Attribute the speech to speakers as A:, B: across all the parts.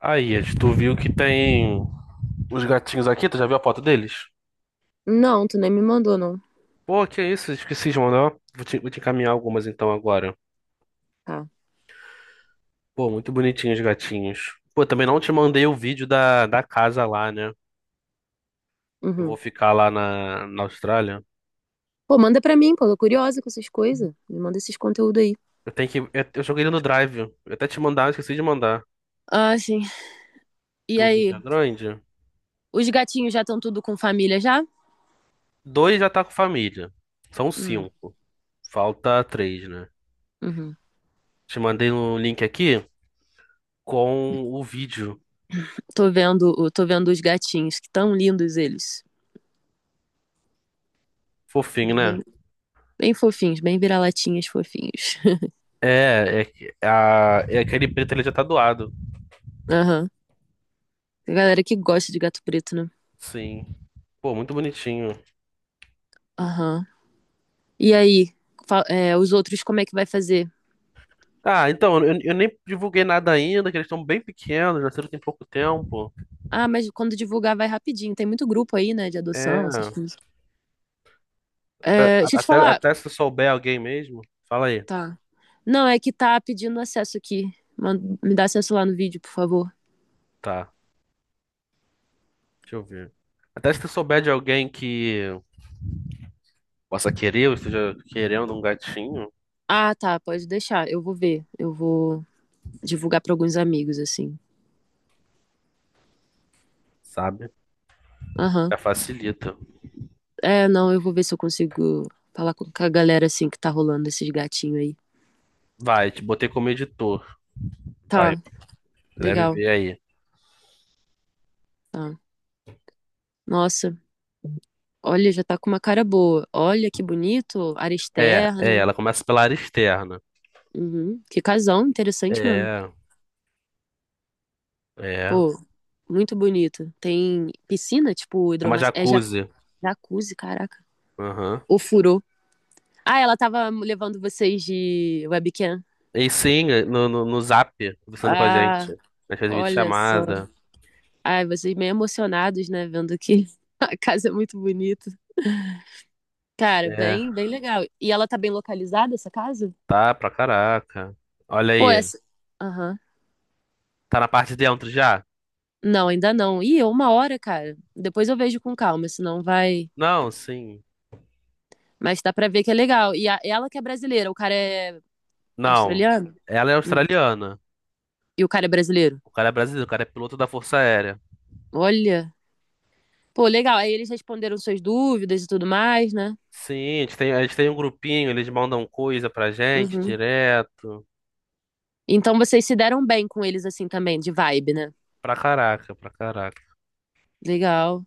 A: Aí, Ed, tu viu que tem os gatinhos aqui? Tu já viu a foto deles?
B: Não, tu nem me mandou, não.
A: Pô, que isso? Esqueci de mandar. Vou te encaminhar algumas então agora.
B: Tá.
A: Pô, muito bonitinhos os gatinhos. Pô, também não te mandei o vídeo da casa lá, né? Eu vou
B: Uhum.
A: ficar lá na Austrália.
B: Pô, manda pra mim, pô. Tô curiosa com essas coisas. Me manda esses conteúdos aí.
A: Eu tenho que. Eu joguei ele no Drive. Eu até te mandar, eu esqueci de mandar.
B: Ah, sim. E
A: Que o
B: aí?
A: vídeo é grande.
B: Os gatinhos já estão tudo com família já?
A: Dois já tá com família. São
B: Hum,
A: cinco. Falta três, né?
B: uhum.
A: Te mandei um link aqui com o vídeo.
B: Tô vendo os gatinhos, que tão lindos eles.
A: Fofinho, né?
B: Bem, bem fofinhos, bem vira-latinhas fofinhos.
A: É aquele preto ele já tá doado.
B: Aham. Tem galera que gosta de gato preto, né?
A: Sim. Pô, muito bonitinho.
B: Aham. E aí? É, os outros, como é que vai fazer?
A: Ah, então, eu nem divulguei nada ainda, que eles estão bem pequenos, nasceram tem pouco tempo.
B: Ah, mas quando divulgar vai rapidinho. Tem muito grupo aí, né, de adoção, essas
A: É,
B: coisas.
A: a-
B: É, deixa eu te
A: até,
B: falar.
A: até se tu souber alguém mesmo, fala aí.
B: Tá. Não, é que tá pedindo acesso aqui. Me dá acesso lá no vídeo, por favor.
A: Tá, deixa eu ver. Até se tu souber de alguém que possa querer ou esteja querendo um gatinho,
B: Ah, tá, pode deixar. Eu vou ver. Eu vou divulgar pra alguns amigos, assim.
A: sabe?
B: Aham.
A: Já facilita.
B: É, não, eu vou ver se eu consigo falar com a galera, assim, que tá rolando esses gatinhos aí.
A: Vai, te botei como editor. Vai,
B: Tá,
A: deve
B: legal.
A: ver aí.
B: Tá. Nossa, olha, já tá com uma cara boa. Olha que bonito, área
A: É,
B: externa.
A: ela começa pela área externa.
B: Uhum. Que casão, interessante mesmo.
A: É, é.
B: Pô, muito bonito. Tem piscina, tipo,
A: É uma
B: hidromassa... É
A: jacuzzi.
B: jacuzzi, caraca.
A: Aham.
B: O furo. Ah, ela tava levando vocês de webcam.
A: E sim, no Zap, conversando com a gente.
B: Ah,
A: A gente fez
B: olha só.
A: videochamada.
B: Ai, vocês meio emocionados, né? Vendo que a casa é muito bonita. Cara,
A: É,
B: bem, bem legal. E ela tá bem localizada, essa casa?
A: tá pra caraca. Olha
B: Pô,
A: aí.
B: essa. Aham.
A: Tá na parte de dentro já?
B: Não, ainda não. Ih, é uma hora, cara. Depois eu vejo com calma, senão vai.
A: Não, sim.
B: Mas dá pra ver que é legal. E ela que é brasileira, o cara é
A: Não.
B: australiano?
A: Ela é
B: Hum.
A: australiana.
B: E o cara é brasileiro?
A: O cara é brasileiro, o cara é piloto da Força Aérea.
B: Olha. Pô, legal. Aí eles responderam suas dúvidas e tudo mais, né?
A: Sim, a gente tem um grupinho, eles mandam coisa pra gente
B: Uhum.
A: direto.
B: Então vocês se deram bem com eles assim também, de vibe, né?
A: Pra caraca, pra caraca.
B: Legal.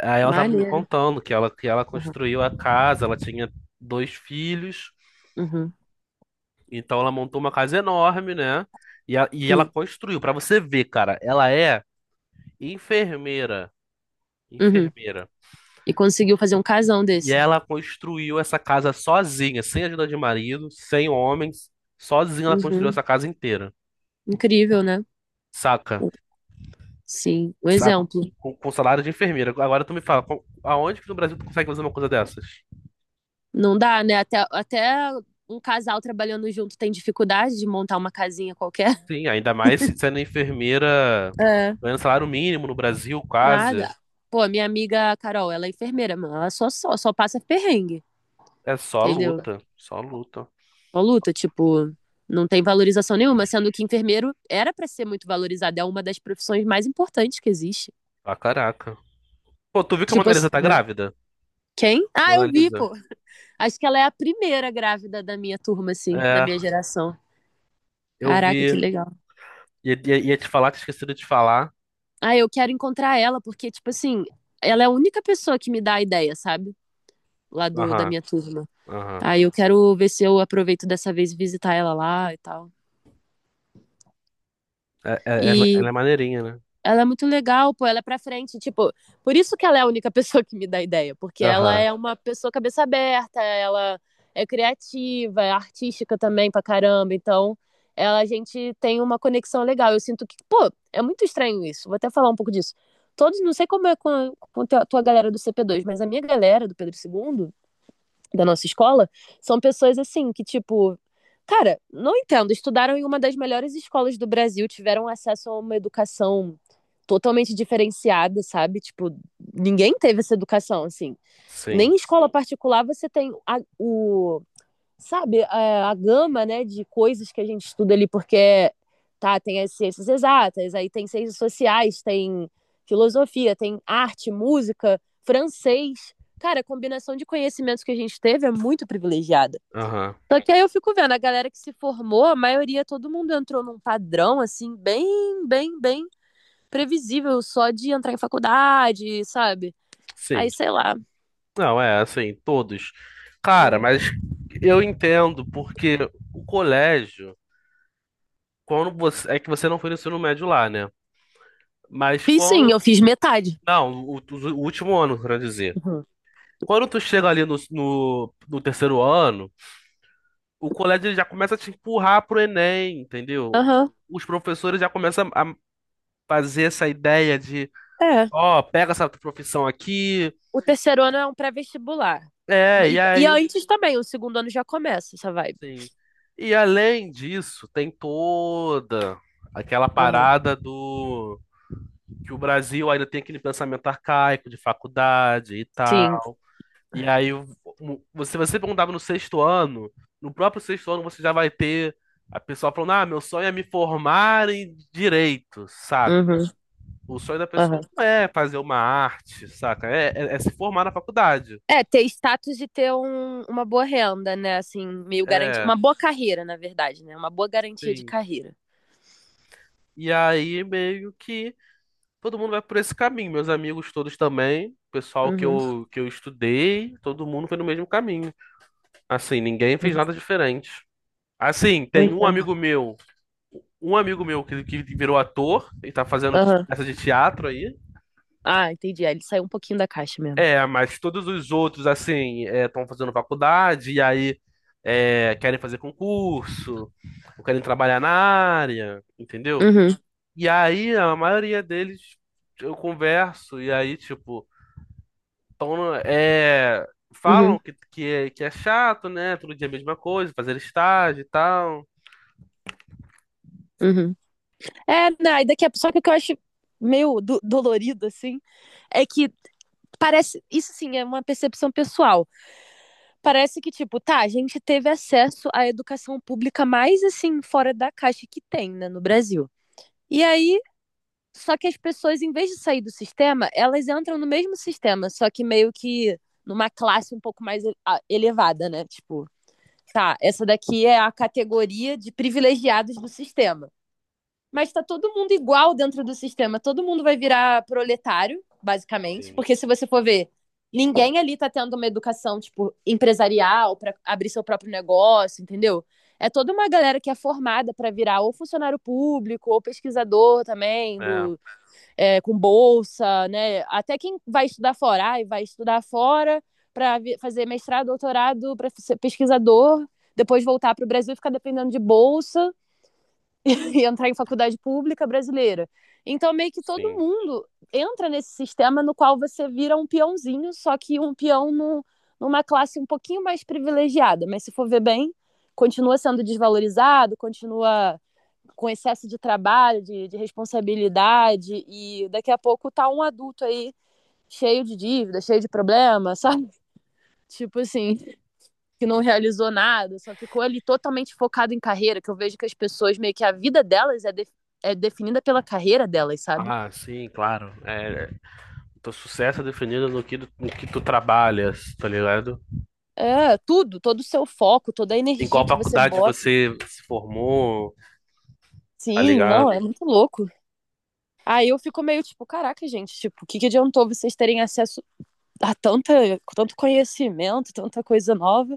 A: Aí ela tava me
B: Maneiro.
A: contando que ela
B: Aham.
A: construiu a casa, ela tinha dois filhos.
B: Uhum.
A: Então ela montou uma casa enorme, né? E, e ela
B: Sim.
A: construiu, pra você ver, cara, ela é enfermeira,
B: Uhum.
A: enfermeira.
B: E conseguiu fazer um casão
A: E
B: desse.
A: ela construiu essa casa sozinha, sem ajuda de marido, sem homens, sozinha ela construiu
B: Uhum.
A: essa casa inteira,
B: Incrível, né?
A: saca?
B: Sim, um
A: Sa-
B: exemplo.
A: Com salário de enfermeira. Agora tu me fala, com- aonde que no Brasil tu consegue fazer uma coisa dessas?
B: Não dá, né? Até um casal trabalhando junto tem dificuldade de montar uma casinha qualquer.
A: Sim, ainda mais se- sendo enfermeira,
B: É,
A: ganhando salário mínimo no Brasil, quase.
B: nada. Pô, minha amiga Carol, ela é enfermeira, mano. Ela só passa perrengue,
A: É só
B: entendeu?
A: luta, só luta.
B: Uma luta, tipo, não tem valorização nenhuma, sendo que enfermeiro era pra ser muito valorizado, é uma das profissões mais importantes que existe.
A: Pra caraca. Pô, tu viu que a
B: Tipo
A: Mona
B: assim,
A: Lisa tá
B: né?
A: grávida?
B: Quem? Ah,
A: Mona
B: eu vi,
A: Lisa.
B: pô. Acho que ela é a primeira grávida da minha turma, assim, da
A: É,
B: minha geração.
A: eu
B: Caraca,
A: vi.
B: que legal.
A: Ia te falar, tinha esquecido de falar.
B: Ah, eu quero encontrar ela, porque, tipo assim, ela é a única pessoa que me dá a ideia, sabe? Lá do, da
A: Aham,
B: minha turma.
A: aham.
B: Aí eu quero ver se eu aproveito dessa vez e visitar ela lá e tal.
A: Ela
B: E
A: é maneirinha, né?
B: ela é muito legal, pô, ela é pra frente. Tipo, por isso que ela é a única pessoa que me dá ideia, porque ela
A: Aham,
B: é uma pessoa cabeça aberta, ela é criativa, é artística também pra caramba. Então, ela, a gente tem uma conexão legal. Eu sinto que, pô, é muito estranho isso. Vou até falar um pouco disso. Todos, não sei como é com com a tua galera do CP2, mas a minha galera do Pedro II da nossa escola são pessoas assim que, tipo, cara, não entendo. Estudaram em uma das melhores escolas do Brasil, tiveram acesso a uma educação totalmente diferenciada, sabe? Tipo, ninguém teve essa educação, assim. Nem
A: sim.
B: em escola particular você tem o, sabe, a gama, né, de coisas que a gente estuda ali, porque tá, tem as ciências exatas, aí tem ciências sociais, tem filosofia, tem arte, música, francês. Cara, a combinação de conhecimentos que a gente teve é muito privilegiada.
A: Aham,
B: Só que aí eu fico vendo, a galera que se formou, a maioria, todo mundo entrou num padrão, assim, bem previsível, só de entrar em faculdade, sabe? Aí,
A: sim.
B: sei lá.
A: Não, é assim, todos. Cara,
B: Né?
A: mas eu entendo, porque o colégio, quando você. É que você não foi no ensino médio lá, né? Mas
B: Fiz sim,
A: quando.
B: eu fiz metade.
A: Não, o último ano, quero dizer.
B: Aham.
A: Quando tu chega ali no terceiro ano. O colégio ele já começa a te empurrar pro Enem,
B: Uhum.
A: entendeu?
B: Aham.
A: Os professores já começam a fazer essa ideia de,
B: É,
A: ó, pega essa profissão aqui.
B: o terceiro ano é um pré-vestibular.
A: É, e
B: E,
A: aí,
B: e
A: eu-
B: antes também, o segundo ano já começa essa vibe.
A: sim. E além disso, tem toda aquela
B: Aham.
A: parada do que o Brasil ainda tem aquele pensamento arcaico de faculdade e
B: Sim.
A: tal. E aí, se você perguntava no sexto ano, no próprio sexto ano você já vai ter a pessoa falando: Ah, meu sonho é me formar em direito, saca?
B: Uhum.
A: O sonho da
B: Aham.
A: pessoa não é fazer uma arte, saca? É se formar na faculdade.
B: É, ter status e ter uma boa renda, né? Assim, meio garantia.
A: É,
B: Uma boa carreira, na verdade, né? Uma boa garantia de
A: sim.
B: carreira.
A: E aí, meio que todo mundo vai por esse caminho. Meus amigos todos também, o pessoal que
B: Uhum.
A: eu, que eu estudei, todo mundo foi no mesmo caminho. Assim, ninguém fez nada diferente. Assim,
B: Pois
A: tem um
B: é.
A: amigo meu Um amigo meu que virou ator e tá fazendo te-
B: Aham.
A: peça de teatro aí.
B: Ah, entendi. Aí ele saiu um pouquinho da caixa mesmo.
A: É, mas todos os outros, assim, estão fazendo faculdade e aí é, querem fazer concurso, ou querem trabalhar na área, entendeu?
B: Uhum.
A: E aí a maioria deles eu converso e aí, tipo, tão, é, falam
B: Uhum.
A: que é chato, né? Todo dia a mesma coisa, fazer estágio e tal.
B: Uhum. É, né? E daqui a... Só que o que eu acho meio dolorido, assim, é que parece. Isso sim é uma percepção pessoal. Parece que, tipo, tá, a gente teve acesso à educação pública mais assim, fora da caixa que tem, né, no Brasil. E aí, só que as pessoas, em vez de sair do sistema, elas entram no mesmo sistema, só que meio que numa classe um pouco mais ah, elevada, né? Tipo, tá, essa daqui é a categoria de privilegiados do sistema. Mas tá todo mundo igual dentro do sistema. Todo mundo vai virar proletário, basicamente.
A: Sim,
B: Porque se você for ver, ninguém ali tá tendo uma educação, tipo, empresarial para abrir seu próprio negócio, entendeu? É toda uma galera que é formada para virar ou funcionário público, ou pesquisador também,
A: é,
B: do, é, com bolsa, né? Até quem vai estudar fora, ai, vai estudar fora para fazer mestrado, doutorado, para ser pesquisador, depois voltar para o Brasil e ficar dependendo de bolsa e entrar em faculdade pública brasileira. Então, meio que todo
A: sim.
B: mundo entra nesse sistema no qual você vira um peãozinho, só que um peão no, numa classe um pouquinho mais privilegiada. Mas se for ver bem, continua sendo desvalorizado, continua com excesso de trabalho, de responsabilidade, e daqui a pouco tá um adulto aí cheio de dívida, cheio de problema, sabe? Tipo assim, que não realizou nada, só ficou ali totalmente focado em carreira, que eu vejo que as pessoas meio que a vida delas é, de, é definida pela carreira delas, sabe?
A: Ah, sim, claro. É, teu sucesso é definido no que, no que tu trabalhas, tá ligado?
B: É, tudo, todo o seu foco, toda a
A: Em
B: energia
A: qual
B: que você
A: faculdade
B: bota.
A: você se formou, tá
B: Sim, não, é
A: ligado?
B: muito louco. Aí eu fico meio tipo, caraca, gente, tipo, o que, que adiantou vocês terem acesso a tanta, tanto conhecimento, tanta coisa nova?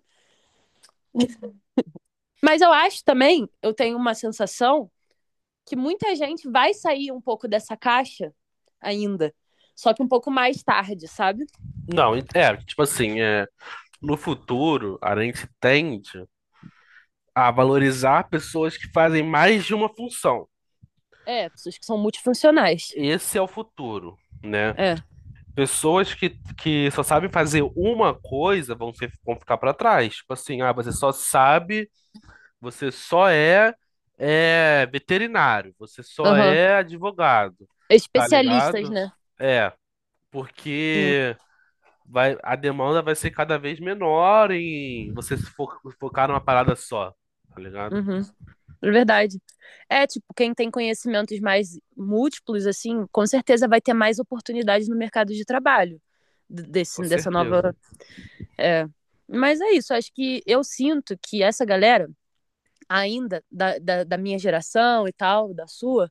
B: Mas eu acho também, eu tenho uma sensação que muita gente vai sair um pouco dessa caixa ainda, só que um pouco mais tarde, sabe?
A: Não, é, tipo assim, é, no futuro a gente tende a valorizar pessoas que fazem mais de uma função.
B: É, pessoas que são multifuncionais.
A: Esse é o futuro, né?
B: É,
A: Pessoas que só sabem fazer uma coisa vão, ser, vão ficar pra trás. Tipo assim, ah, você só sabe Você só é, é veterinário, você só
B: aham.
A: é advogado, tá
B: Especialistas,
A: ligado?
B: né?
A: É,
B: Sim.
A: porque vai, a demanda vai ser cada vez menor em você se fo- focar numa parada só, tá ligado?
B: Uhum. É verdade. É, tipo, quem tem conhecimentos mais múltiplos, assim, com certeza vai ter mais oportunidades no mercado de trabalho
A: Com
B: desse, dessa
A: certeza.
B: nova. É. Mas é isso, acho que eu sinto que essa galera, ainda da minha geração e tal, da sua.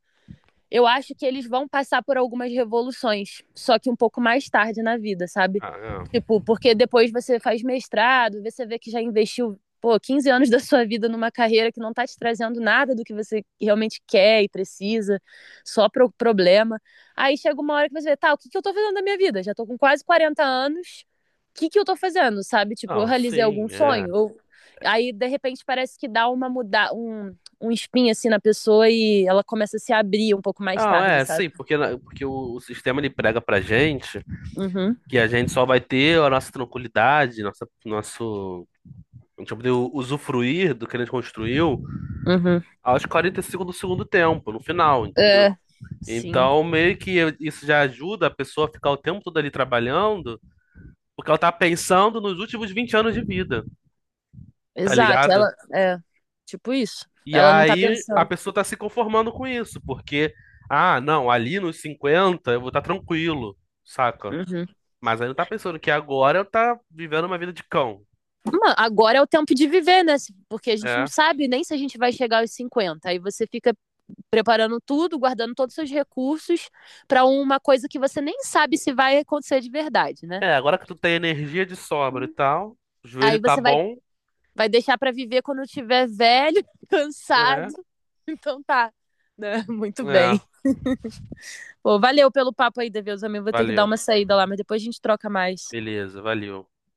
B: Eu acho que eles vão passar por algumas revoluções, só que um pouco mais tarde na vida, sabe?
A: Ah, é.
B: Tipo, porque depois você faz mestrado, você vê que já investiu, pô, 15 anos da sua vida numa carreira que não tá te trazendo nada do que você realmente quer e precisa, só pro problema. Aí chega uma hora que você vê, tá, o que que eu tô fazendo da minha vida? Já tô com quase 40 anos, o que que eu tô fazendo, sabe? Tipo, eu
A: Não,
B: realizei algum
A: sim, é.
B: sonho? Eu... Aí, de repente, parece que dá uma muda... um espinho assim na pessoa e ela começa a se abrir um pouco mais
A: Não,
B: tarde,
A: é, sim,
B: sabe?
A: porque, na- porque o sistema ele prega pra gente
B: Uhum,
A: que a gente só vai ter a nossa tranquilidade, nossa, nosso, a gente vai poder usufruir do que a gente construiu
B: uhum.
A: aos 45 do segundo tempo, no final, entendeu?
B: É, sim.
A: Então, meio que isso já ajuda a pessoa a ficar o tempo todo ali trabalhando, porque ela tá pensando nos últimos 20 anos de vida, tá
B: Exato,
A: ligado?
B: ela é tipo isso.
A: E
B: Ela não tá
A: aí a
B: pensando.
A: pessoa tá se conformando com isso, porque, ah, não, ali nos 50 eu vou estar tranquilo, saca?
B: Uhum.
A: Mas aí não tá pensando que agora eu tá vivendo uma vida de cão,
B: Uma... Agora é o tempo de viver, né? Se... Porque a gente não
A: é.
B: sabe nem se a gente vai chegar aos 50. Aí você fica preparando tudo, guardando todos os seus recursos pra uma coisa que você nem sabe se vai acontecer de verdade, né?
A: É, agora que tu tem energia de sobra e
B: Hum.
A: tal, o
B: Aí
A: joelho tá
B: você vai,
A: bom,
B: vai deixar pra viver quando tiver velho, cansado.
A: é,
B: Então tá. Né? Muito
A: é,
B: bem. Pô, valeu pelo papo aí, Deus, amigo. Vou ter que dar
A: valeu,
B: uma saída lá, mas depois a gente troca mais.
A: beleza, valeu.